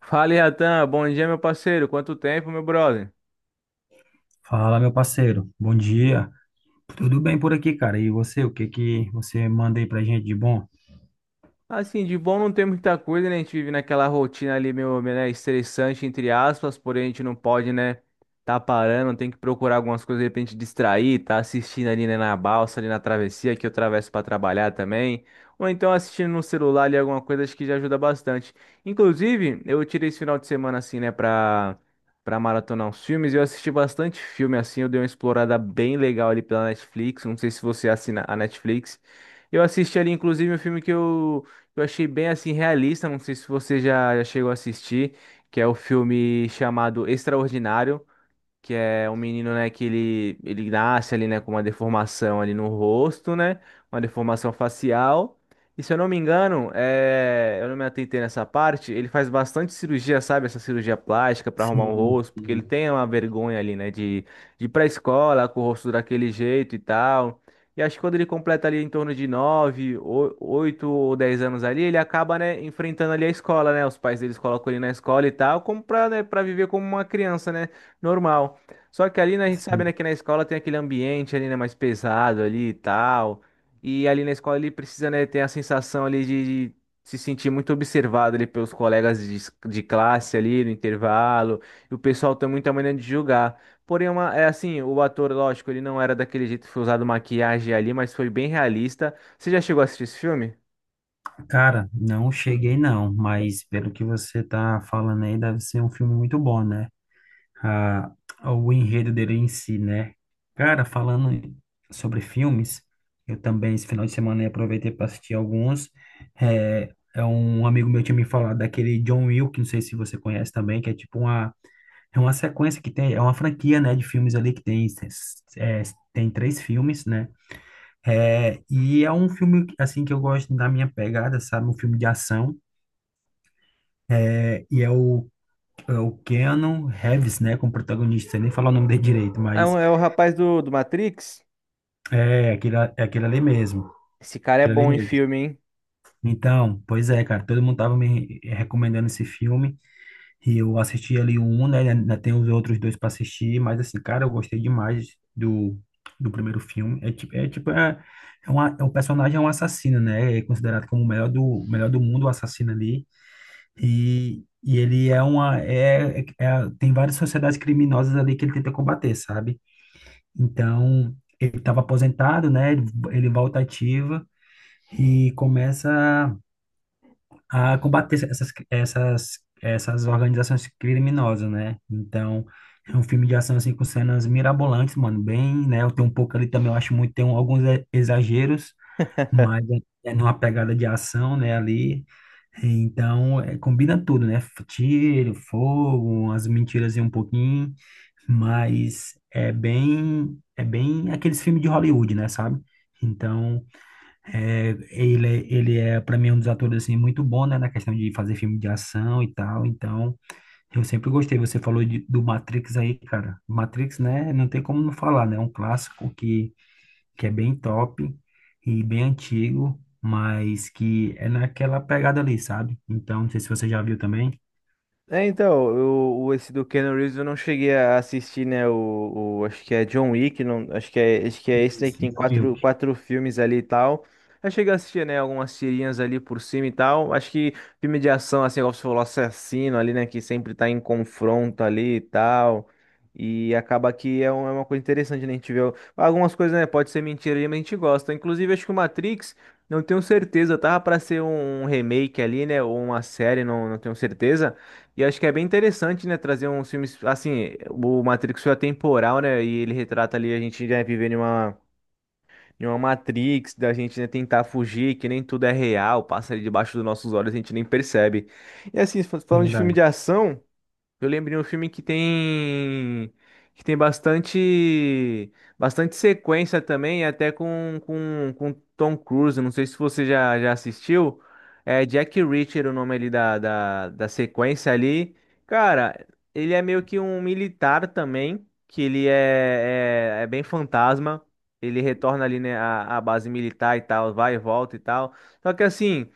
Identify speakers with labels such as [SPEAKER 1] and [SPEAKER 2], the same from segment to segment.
[SPEAKER 1] Fala, Iatan. Bom dia, meu parceiro. Quanto tempo, meu brother?
[SPEAKER 2] Fala, meu parceiro. Bom dia. Tudo bem por aqui, cara? E você, o que que você manda aí pra gente de bom?
[SPEAKER 1] Assim, de bom não tem muita coisa, né? A gente vive naquela rotina ali meio, né, estressante, entre aspas, porém a gente não pode, né, tá parando, tem que procurar algumas coisas de repente distrair, tá assistindo ali, né, na balsa, ali na travessia, que eu atravesso para trabalhar também, ou então assistindo no celular ali alguma coisa, acho que já ajuda bastante. Inclusive, eu tirei esse final de semana, assim, né, pra maratonar uns filmes, e eu assisti bastante filme, assim, eu dei uma explorada bem legal ali pela Netflix, não sei se você assina a Netflix. Eu assisti ali, inclusive, um filme que eu achei bem assim realista, não sei se você já chegou a assistir, que é o filme chamado Extraordinário, que é um menino, né, que ele nasce ali, né, com uma deformação ali no rosto, né, uma deformação facial. E se eu não me engano, é, eu não me atentei nessa parte, ele faz bastante cirurgia, sabe, essa cirurgia plástica para arrumar o
[SPEAKER 2] Sim,
[SPEAKER 1] rosto, porque ele
[SPEAKER 2] sim.
[SPEAKER 1] tem uma vergonha ali, né, de ir pra escola com o rosto daquele jeito e tal. E acho que quando ele completa ali em torno de 9, 8 ou 10 anos ali, ele acaba, né, enfrentando ali a escola, né? Os pais deles colocam ele na escola e tal, como pra, né, pra viver como uma criança, né, normal. Só que ali, né, a gente sabe, né,
[SPEAKER 2] Sim.
[SPEAKER 1] que na escola tem aquele ambiente ali, né, mais pesado ali e tal. E ali na escola ele precisa, né, ter a sensação ali de se sentir muito observado ali pelos colegas de classe ali no intervalo. E o pessoal tem muita maneira de julgar. Porém, é assim, o ator, lógico, ele não era daquele jeito, foi usado maquiagem ali, mas foi bem realista. Você já chegou a assistir esse filme?
[SPEAKER 2] Cara, não cheguei não, mas pelo que você tá falando aí, deve ser um filme muito bom, né? Ah, o enredo dele em si, né? Cara, falando sobre filmes, eu também esse final de semana aproveitei para assistir alguns. É, um amigo meu tinha me falado daquele John Wick, não sei se você conhece também, que é tipo uma. É uma sequência que tem, é uma franquia, né, de filmes ali que tem, é, é, tem três filmes, né? É, e é um filme, assim, que eu gosto da minha pegada, sabe? Um filme de ação. É, e é é o Keanu Reeves, né, como protagonista. Sei nem falar o nome dele direito,
[SPEAKER 1] É,
[SPEAKER 2] mas
[SPEAKER 1] é o rapaz do Matrix?
[SPEAKER 2] é aquele ali mesmo.
[SPEAKER 1] Esse cara é
[SPEAKER 2] Aquele ali
[SPEAKER 1] bom em
[SPEAKER 2] mesmo.
[SPEAKER 1] filme, hein?
[SPEAKER 2] Então, pois é, cara, todo mundo tava me recomendando esse filme. E eu assisti ali o um, né? Ainda tem os outros dois para assistir, mas assim, cara, eu gostei demais do primeiro filme. É tipo, uma, é um personagem, é um assassino, né? É considerado como o melhor melhor do mundo, o assassino ali. E ele é uma, é- tem várias sociedades criminosas ali que ele tenta combater, sabe? Então, ele estava aposentado, né? Ele volta ativa e começa a combater essas organizações criminosas, né? Então, é um filme de ação, assim, com cenas mirabolantes, mano, bem, né? Eu tenho um pouco ali também, eu acho muito, tem um- alguns e- exageros, mas é numa pegada de ação, né, ali. Então, é, combina tudo, né? F- Tiro, fogo, umas mentiras e um pouquinho, mas é bem aqueles filmes de Hollywood, né, sabe? Então, é, ele, é- ele é, para mim, um dos atores, assim, muito bom, né, na questão de fazer filme de ação e tal, então, eu sempre gostei, você falou de- do Matrix aí, cara, Matrix, né, não tem como não falar, né, é um clássico que é bem top e bem antigo, mas que é naquela pegada ali, sabe? Então, não sei se você já viu também.
[SPEAKER 1] É, então, esse do Keanu Reeves eu não cheguei a assistir, né? Acho que é John Wick, não, acho que é esse aí que
[SPEAKER 2] Isso.
[SPEAKER 1] tem
[SPEAKER 2] John
[SPEAKER 1] quatro,
[SPEAKER 2] Wick,
[SPEAKER 1] quatro filmes ali e tal. Eu cheguei a assistir, né, algumas tirinhas ali por cima e tal. Acho que filme de ação, assim, igual você falou, assassino ali, né, que sempre tá em confronto ali e tal. E acaba que é uma coisa interessante, né? A gente vê algumas coisas, né? Pode ser mentira ali, mas a gente gosta. Inclusive, acho que o Matrix, não tenho certeza, tava pra ser um remake ali, né? Ou uma série, não, não tenho certeza. E acho que é bem interessante, né, trazer uns filmes, assim. O Matrix foi atemporal, né, e ele retrata ali a gente, né, vivendo em uma, Matrix, da gente, né, tentar fugir, que nem tudo é real, passa ali debaixo dos nossos olhos, a gente nem percebe. E assim, falando de filme de
[SPEAKER 2] verdade.
[SPEAKER 1] ação, eu lembrei um filme que tem bastante sequência também, até com Tom Cruise. Não sei se você já assistiu. É Jack Reacher o nome ali da sequência ali. Cara, ele é meio que um militar também, que ele é bem fantasma. Ele retorna ali, né, à base militar e tal, vai e volta e tal. Só que assim.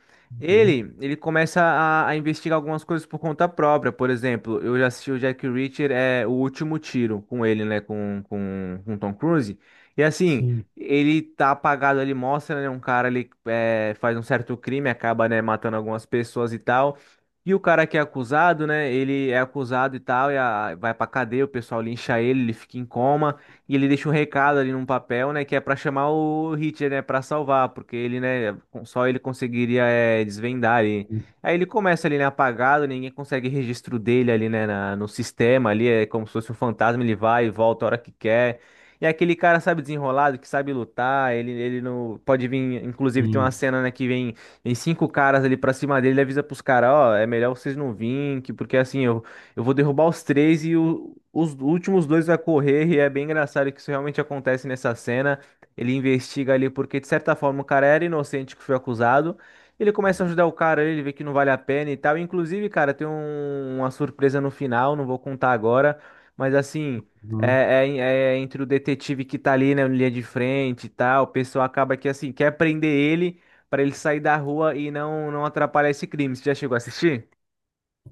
[SPEAKER 2] Uhum.
[SPEAKER 1] Ele começa a investigar algumas coisas por conta própria. Por exemplo, eu já assisti o Jack Reacher, é O Último Tiro, com ele, né? Com Tom Cruise. E assim,
[SPEAKER 2] Sim.
[SPEAKER 1] ele tá apagado ali, mostra, né? Um cara ali faz um certo crime, acaba, né, matando algumas pessoas e tal. E o cara que é acusado, né? Ele é acusado e tal, e vai pra cadeia, o pessoal lincha ele, ele fica em coma. E ele deixa um recado ali num papel, né, que é pra chamar o Hitler, né, pra salvar, porque ele, né, só ele conseguiria desvendar ali. Aí ele começa ali, né, apagado, ninguém consegue registro dele ali, né, no sistema ali, é como se fosse um fantasma. Ele vai e volta a hora que quer. E é aquele cara, sabe, desenrolado, que sabe lutar. Ele não pode vir. Inclusive, tem uma
[SPEAKER 2] Sim.
[SPEAKER 1] cena, né, que vem cinco caras ali pra cima dele. Ele avisa pros caras: "Ó, é melhor vocês não virem, porque assim, eu vou derrubar os três e os últimos dois vai correr", e é bem engraçado que isso realmente acontece nessa cena. Ele investiga ali porque, de certa forma, o cara era inocente que foi acusado. Ele começa a ajudar o cara, ele vê que não vale a pena e tal. Inclusive, cara, tem uma surpresa no final, não vou contar agora, mas assim,
[SPEAKER 2] Uhum.
[SPEAKER 1] é, é- é entre o detetive que tá ali, né, na linha de frente e tal. O pessoal acaba que, assim, quer prender ele pra ele sair da rua e não atrapalhar esse crime. Você já chegou a assistir?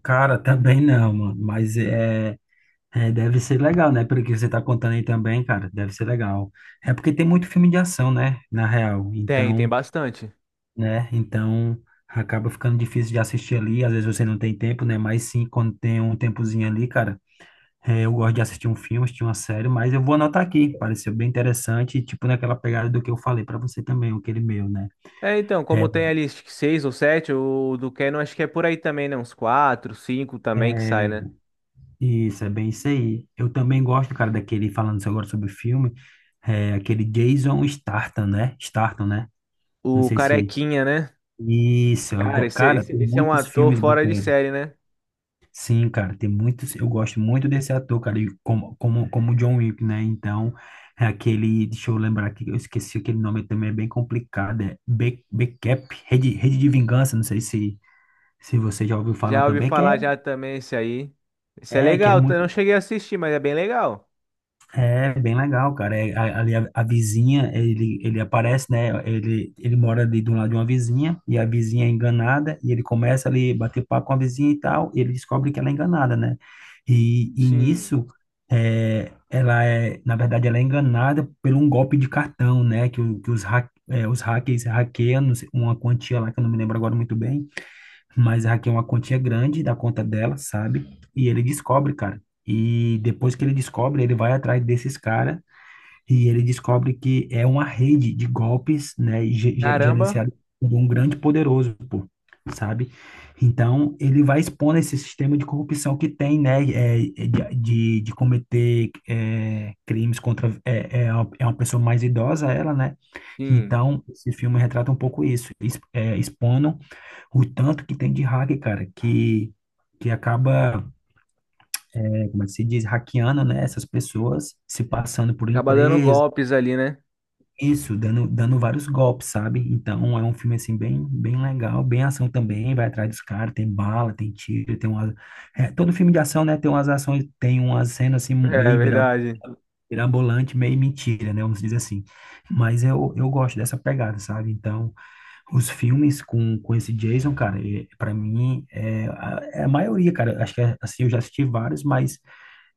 [SPEAKER 2] Cara, também não, mano, mas é. É, deve ser legal, né? Pelo que você tá contando aí também, cara, deve ser legal. É porque tem muito filme de ação, né? Na real.
[SPEAKER 1] Tem
[SPEAKER 2] Então,
[SPEAKER 1] bastante.
[SPEAKER 2] né? Então, acaba ficando difícil de assistir ali. Às vezes você não tem tempo, né? Mas sim, quando tem um tempozinho ali, cara, é, eu gosto de assistir um filme, assistir uma série, mas eu vou anotar aqui. Pareceu bem interessante, e, tipo naquela pegada do que eu falei pra você também, aquele meu, né?
[SPEAKER 1] É, então,
[SPEAKER 2] É,
[SPEAKER 1] como tem ali acho que seis ou sete, o do Canon acho que é por aí também, né? Uns quatro, cinco também que sai,
[SPEAKER 2] é,
[SPEAKER 1] né?
[SPEAKER 2] isso, é bem isso aí. Eu também gosto, cara, daquele, falando agora sobre filme, é, aquele Jason Statham, né? Statham, né? Não
[SPEAKER 1] O
[SPEAKER 2] sei se.
[SPEAKER 1] Carequinha, né?
[SPEAKER 2] Isso, eu
[SPEAKER 1] Cara,
[SPEAKER 2] go-
[SPEAKER 1] esse, é-
[SPEAKER 2] cara,
[SPEAKER 1] esse,
[SPEAKER 2] tem
[SPEAKER 1] esse é um
[SPEAKER 2] muitos
[SPEAKER 1] ator
[SPEAKER 2] filmes bons
[SPEAKER 1] fora
[SPEAKER 2] com
[SPEAKER 1] de
[SPEAKER 2] ele.
[SPEAKER 1] série, né?
[SPEAKER 2] Sim, cara, tem muitos. Eu gosto muito desse ator, cara, e como John Wick, né? Então, é aquele. Deixa eu lembrar aqui, eu esqueci aquele nome também, é bem complicado. É Be- Becap, Rede, Rede de Vingança, não sei se, se você já ouviu falar
[SPEAKER 1] Já ouvi
[SPEAKER 2] também, que é,
[SPEAKER 1] falar já também esse aí. Esse é
[SPEAKER 2] é, que é
[SPEAKER 1] legal, eu não
[SPEAKER 2] muito.
[SPEAKER 1] cheguei a assistir, mas é bem legal.
[SPEAKER 2] É bem legal, cara. É, a- ali a vizinha, ele aparece, né? Ele mora ali do lado de uma vizinha, e a vizinha é enganada, e ele começa ali a bater papo com a vizinha e tal, e ele descobre que ela é enganada, né? E
[SPEAKER 1] Sim.
[SPEAKER 2] nisso, é, ela é, na verdade, ela é enganada por um golpe de cartão, né? Que, o- que os, hack, é, os hackers hackeiam não sei, uma quantia lá, que eu não me lembro agora muito bem, mas a Raquel é uma quantia grande da conta dela, sabe? E ele descobre, cara. E depois que ele descobre, ele vai atrás desses caras e ele descobre que é uma rede de golpes, né? ge- ge-
[SPEAKER 1] Caramba,
[SPEAKER 2] Gerenciado por um grande poderoso, pô, sabe? Então, ele vai expondo esse sistema de corrupção que tem, né? De, de cometer é, crimes contra... É, é uma pessoa mais idosa, ela, né?
[SPEAKER 1] sim.
[SPEAKER 2] Então, esse filme retrata um pouco isso, exp- é, expondo o tanto que tem de hack, cara, que acaba, é, como é que se diz, hackeando, né, essas pessoas, se passando por
[SPEAKER 1] Acaba dando
[SPEAKER 2] empresa,
[SPEAKER 1] golpes ali, né?
[SPEAKER 2] isso, dando vários golpes, sabe? Então é um filme, assim, bem, bem legal, bem ação também, vai atrás dos caras, tem bala, tem tiro, tem uma... é, todo filme de ação, né, tem umas ações, tem umas cenas, assim,
[SPEAKER 1] É
[SPEAKER 2] meio bira-
[SPEAKER 1] verdade.
[SPEAKER 2] mirabolante, meio mentira, né, vamos dizer assim. Mas eu gosto dessa pegada, sabe? Então... Os filmes com esse Jason, cara, ele- pra mim é a, é a maioria, cara. Acho que é, assim, eu já assisti vários, mas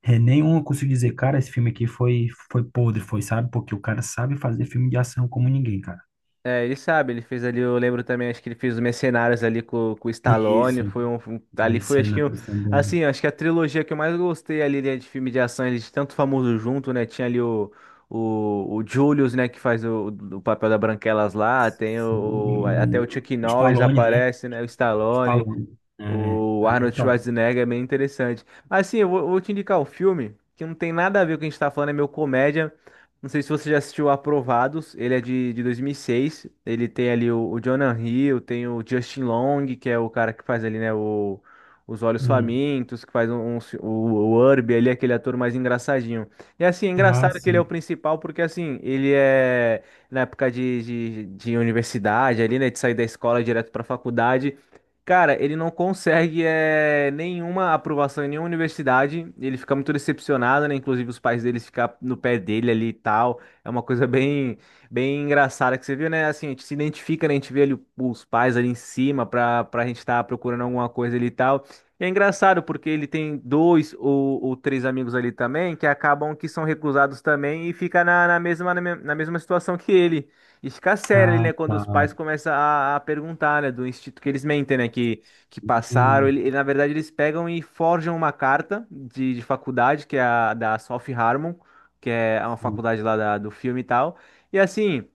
[SPEAKER 2] é, nenhum eu consigo dizer, cara, esse filme aqui foi, foi podre, foi, sabe? Porque o cara sabe fazer filme de ação como ninguém, cara.
[SPEAKER 1] É, ele sabe, ele fez ali, eu lembro também, acho que ele fez os Mercenários ali com o Stallone,
[SPEAKER 2] Isso,
[SPEAKER 1] foi ali foi, acho que,
[SPEAKER 2] cenários também.
[SPEAKER 1] assim, acho que a trilogia que eu mais gostei ali, né, de filme de ação, eles tanto famoso junto, né, tinha ali o Julius, né, que faz o papel da Branquelas lá, tem até
[SPEAKER 2] Sim.
[SPEAKER 1] o Chuck Norris
[SPEAKER 2] Stallone, né?
[SPEAKER 1] aparece, né, o Stallone,
[SPEAKER 2] Stallone. É,
[SPEAKER 1] o
[SPEAKER 2] ali é
[SPEAKER 1] Arnold
[SPEAKER 2] top.
[SPEAKER 1] Schwarzenegger é bem interessante. Mas sim, eu vou te indicar um filme que não tem nada a ver com o que a gente tá falando, é meu comédia. Não sei se você já assistiu Aprovados, ele é de 2006. Ele tem ali o Jonah Hill, tem o Justin Long, que é o cara que faz ali, né, Os Olhos
[SPEAKER 2] Hum.
[SPEAKER 1] Famintos, que faz o Urbe ali, aquele ator mais engraçadinho. E assim, é
[SPEAKER 2] Ah,
[SPEAKER 1] engraçado que ele é o
[SPEAKER 2] sim.
[SPEAKER 1] principal, porque assim, ele é na época de universidade ali, né, de sair da escola direto pra faculdade. Cara, ele não consegue nenhuma aprovação em nenhuma universidade. Ele fica muito decepcionado, né? Inclusive os pais dele ficam no pé dele ali e tal. É uma coisa bem, bem engraçada que você viu, né? Assim, a gente se identifica, né? A gente vê ali os pais ali em cima pra, gente estar procurando alguma coisa ali e tal. E é engraçado porque ele tem dois ou três amigos ali também que acabam que são recusados também e fica na mesma situação que ele. Isso fica sério ali,
[SPEAKER 2] Ah,
[SPEAKER 1] né? Quando
[SPEAKER 2] tá.
[SPEAKER 1] os pais começam a perguntar, né, do instituto que eles mentem, né, que passaram.
[SPEAKER 2] Hum,
[SPEAKER 1] Na verdade, eles pegam e forjam uma carta de faculdade, que é a da South Harmon, que é uma
[SPEAKER 2] sim.
[SPEAKER 1] faculdade lá do filme e tal. E assim,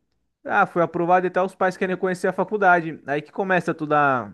[SPEAKER 1] ah, foi aprovado e tal, os pais querem conhecer a faculdade. Aí que começa toda,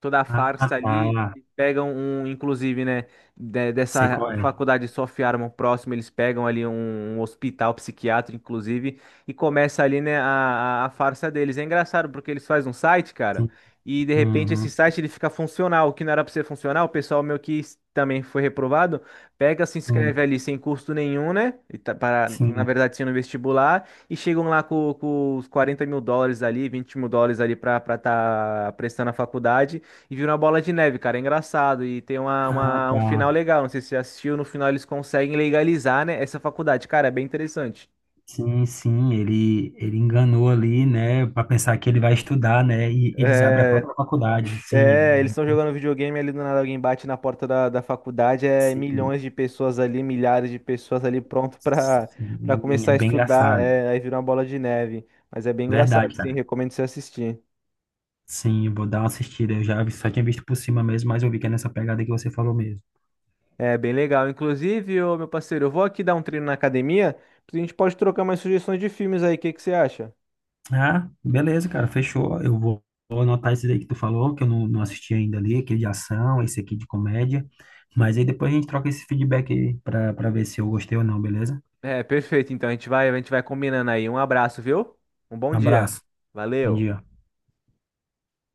[SPEAKER 1] toda a
[SPEAKER 2] Ah,
[SPEAKER 1] farsa ali.
[SPEAKER 2] tá.
[SPEAKER 1] Eles pegam um, inclusive, né, de-
[SPEAKER 2] Sei qual
[SPEAKER 1] dessa
[SPEAKER 2] é.
[SPEAKER 1] faculdade South Harmon próximo, eles pegam ali um hospital psiquiátrico, inclusive, e começa ali, né, a, a farsa deles. É engraçado porque eles fazem um site, cara,
[SPEAKER 2] Sim.
[SPEAKER 1] e de repente esse
[SPEAKER 2] Uhum.
[SPEAKER 1] site ele fica funcional, o que não era pra ser funcional, o pessoal meu que também foi reprovado, pega, se inscreve
[SPEAKER 2] Sim.
[SPEAKER 1] ali sem custo nenhum, né, e para, na
[SPEAKER 2] Sim.
[SPEAKER 1] verdade, sendo vestibular, e chegam lá com os 40 mil dólares ali, 20 mil dólares ali pra estar tá prestando a faculdade, e vira uma bola de neve, cara, é engraçado, e tem uma,
[SPEAKER 2] Ah,
[SPEAKER 1] uma- um
[SPEAKER 2] tá.
[SPEAKER 1] final legal, não sei se você assistiu, no final eles conseguem legalizar, né, essa faculdade, cara, é bem interessante.
[SPEAKER 2] Sim, sim, ele enganou ali, né, para pensar que ele vai estudar, né, e eles abrem a
[SPEAKER 1] É.
[SPEAKER 2] própria faculdade. Sim,
[SPEAKER 1] É,
[SPEAKER 2] é,
[SPEAKER 1] eles estão jogando videogame ali, do nada alguém bate na porta da faculdade, é
[SPEAKER 2] sim,
[SPEAKER 1] milhões de pessoas ali, milhares de pessoas ali pronto para
[SPEAKER 2] sim,
[SPEAKER 1] começar
[SPEAKER 2] é
[SPEAKER 1] a
[SPEAKER 2] bem
[SPEAKER 1] estudar,
[SPEAKER 2] engraçado.
[SPEAKER 1] é, aí vira uma bola de neve. Mas é bem engraçado,
[SPEAKER 2] Verdade,
[SPEAKER 1] sim,
[SPEAKER 2] cara.
[SPEAKER 1] recomendo você assistir.
[SPEAKER 2] Sim, eu vou dar uma assistida. Eu já vi- só tinha visto por cima mesmo, mas eu vi que é nessa pegada que você falou mesmo.
[SPEAKER 1] É bem legal. Inclusive, ô, meu parceiro, eu vou aqui dar um treino na academia, a gente pode trocar mais sugestões de filmes aí, o que que você acha?
[SPEAKER 2] Ah, beleza, cara, fechou. Eu vou, vou anotar esse daí que tu falou, que eu não, não assisti ainda ali, aquele de ação, esse aqui de comédia. Mas aí depois a gente troca esse feedback aí para para ver se eu gostei ou não, beleza?
[SPEAKER 1] É, perfeito. Então a gente vai combinando aí. Um abraço, viu? Um bom
[SPEAKER 2] Um
[SPEAKER 1] dia.
[SPEAKER 2] abraço. Bom
[SPEAKER 1] Valeu.
[SPEAKER 2] dia.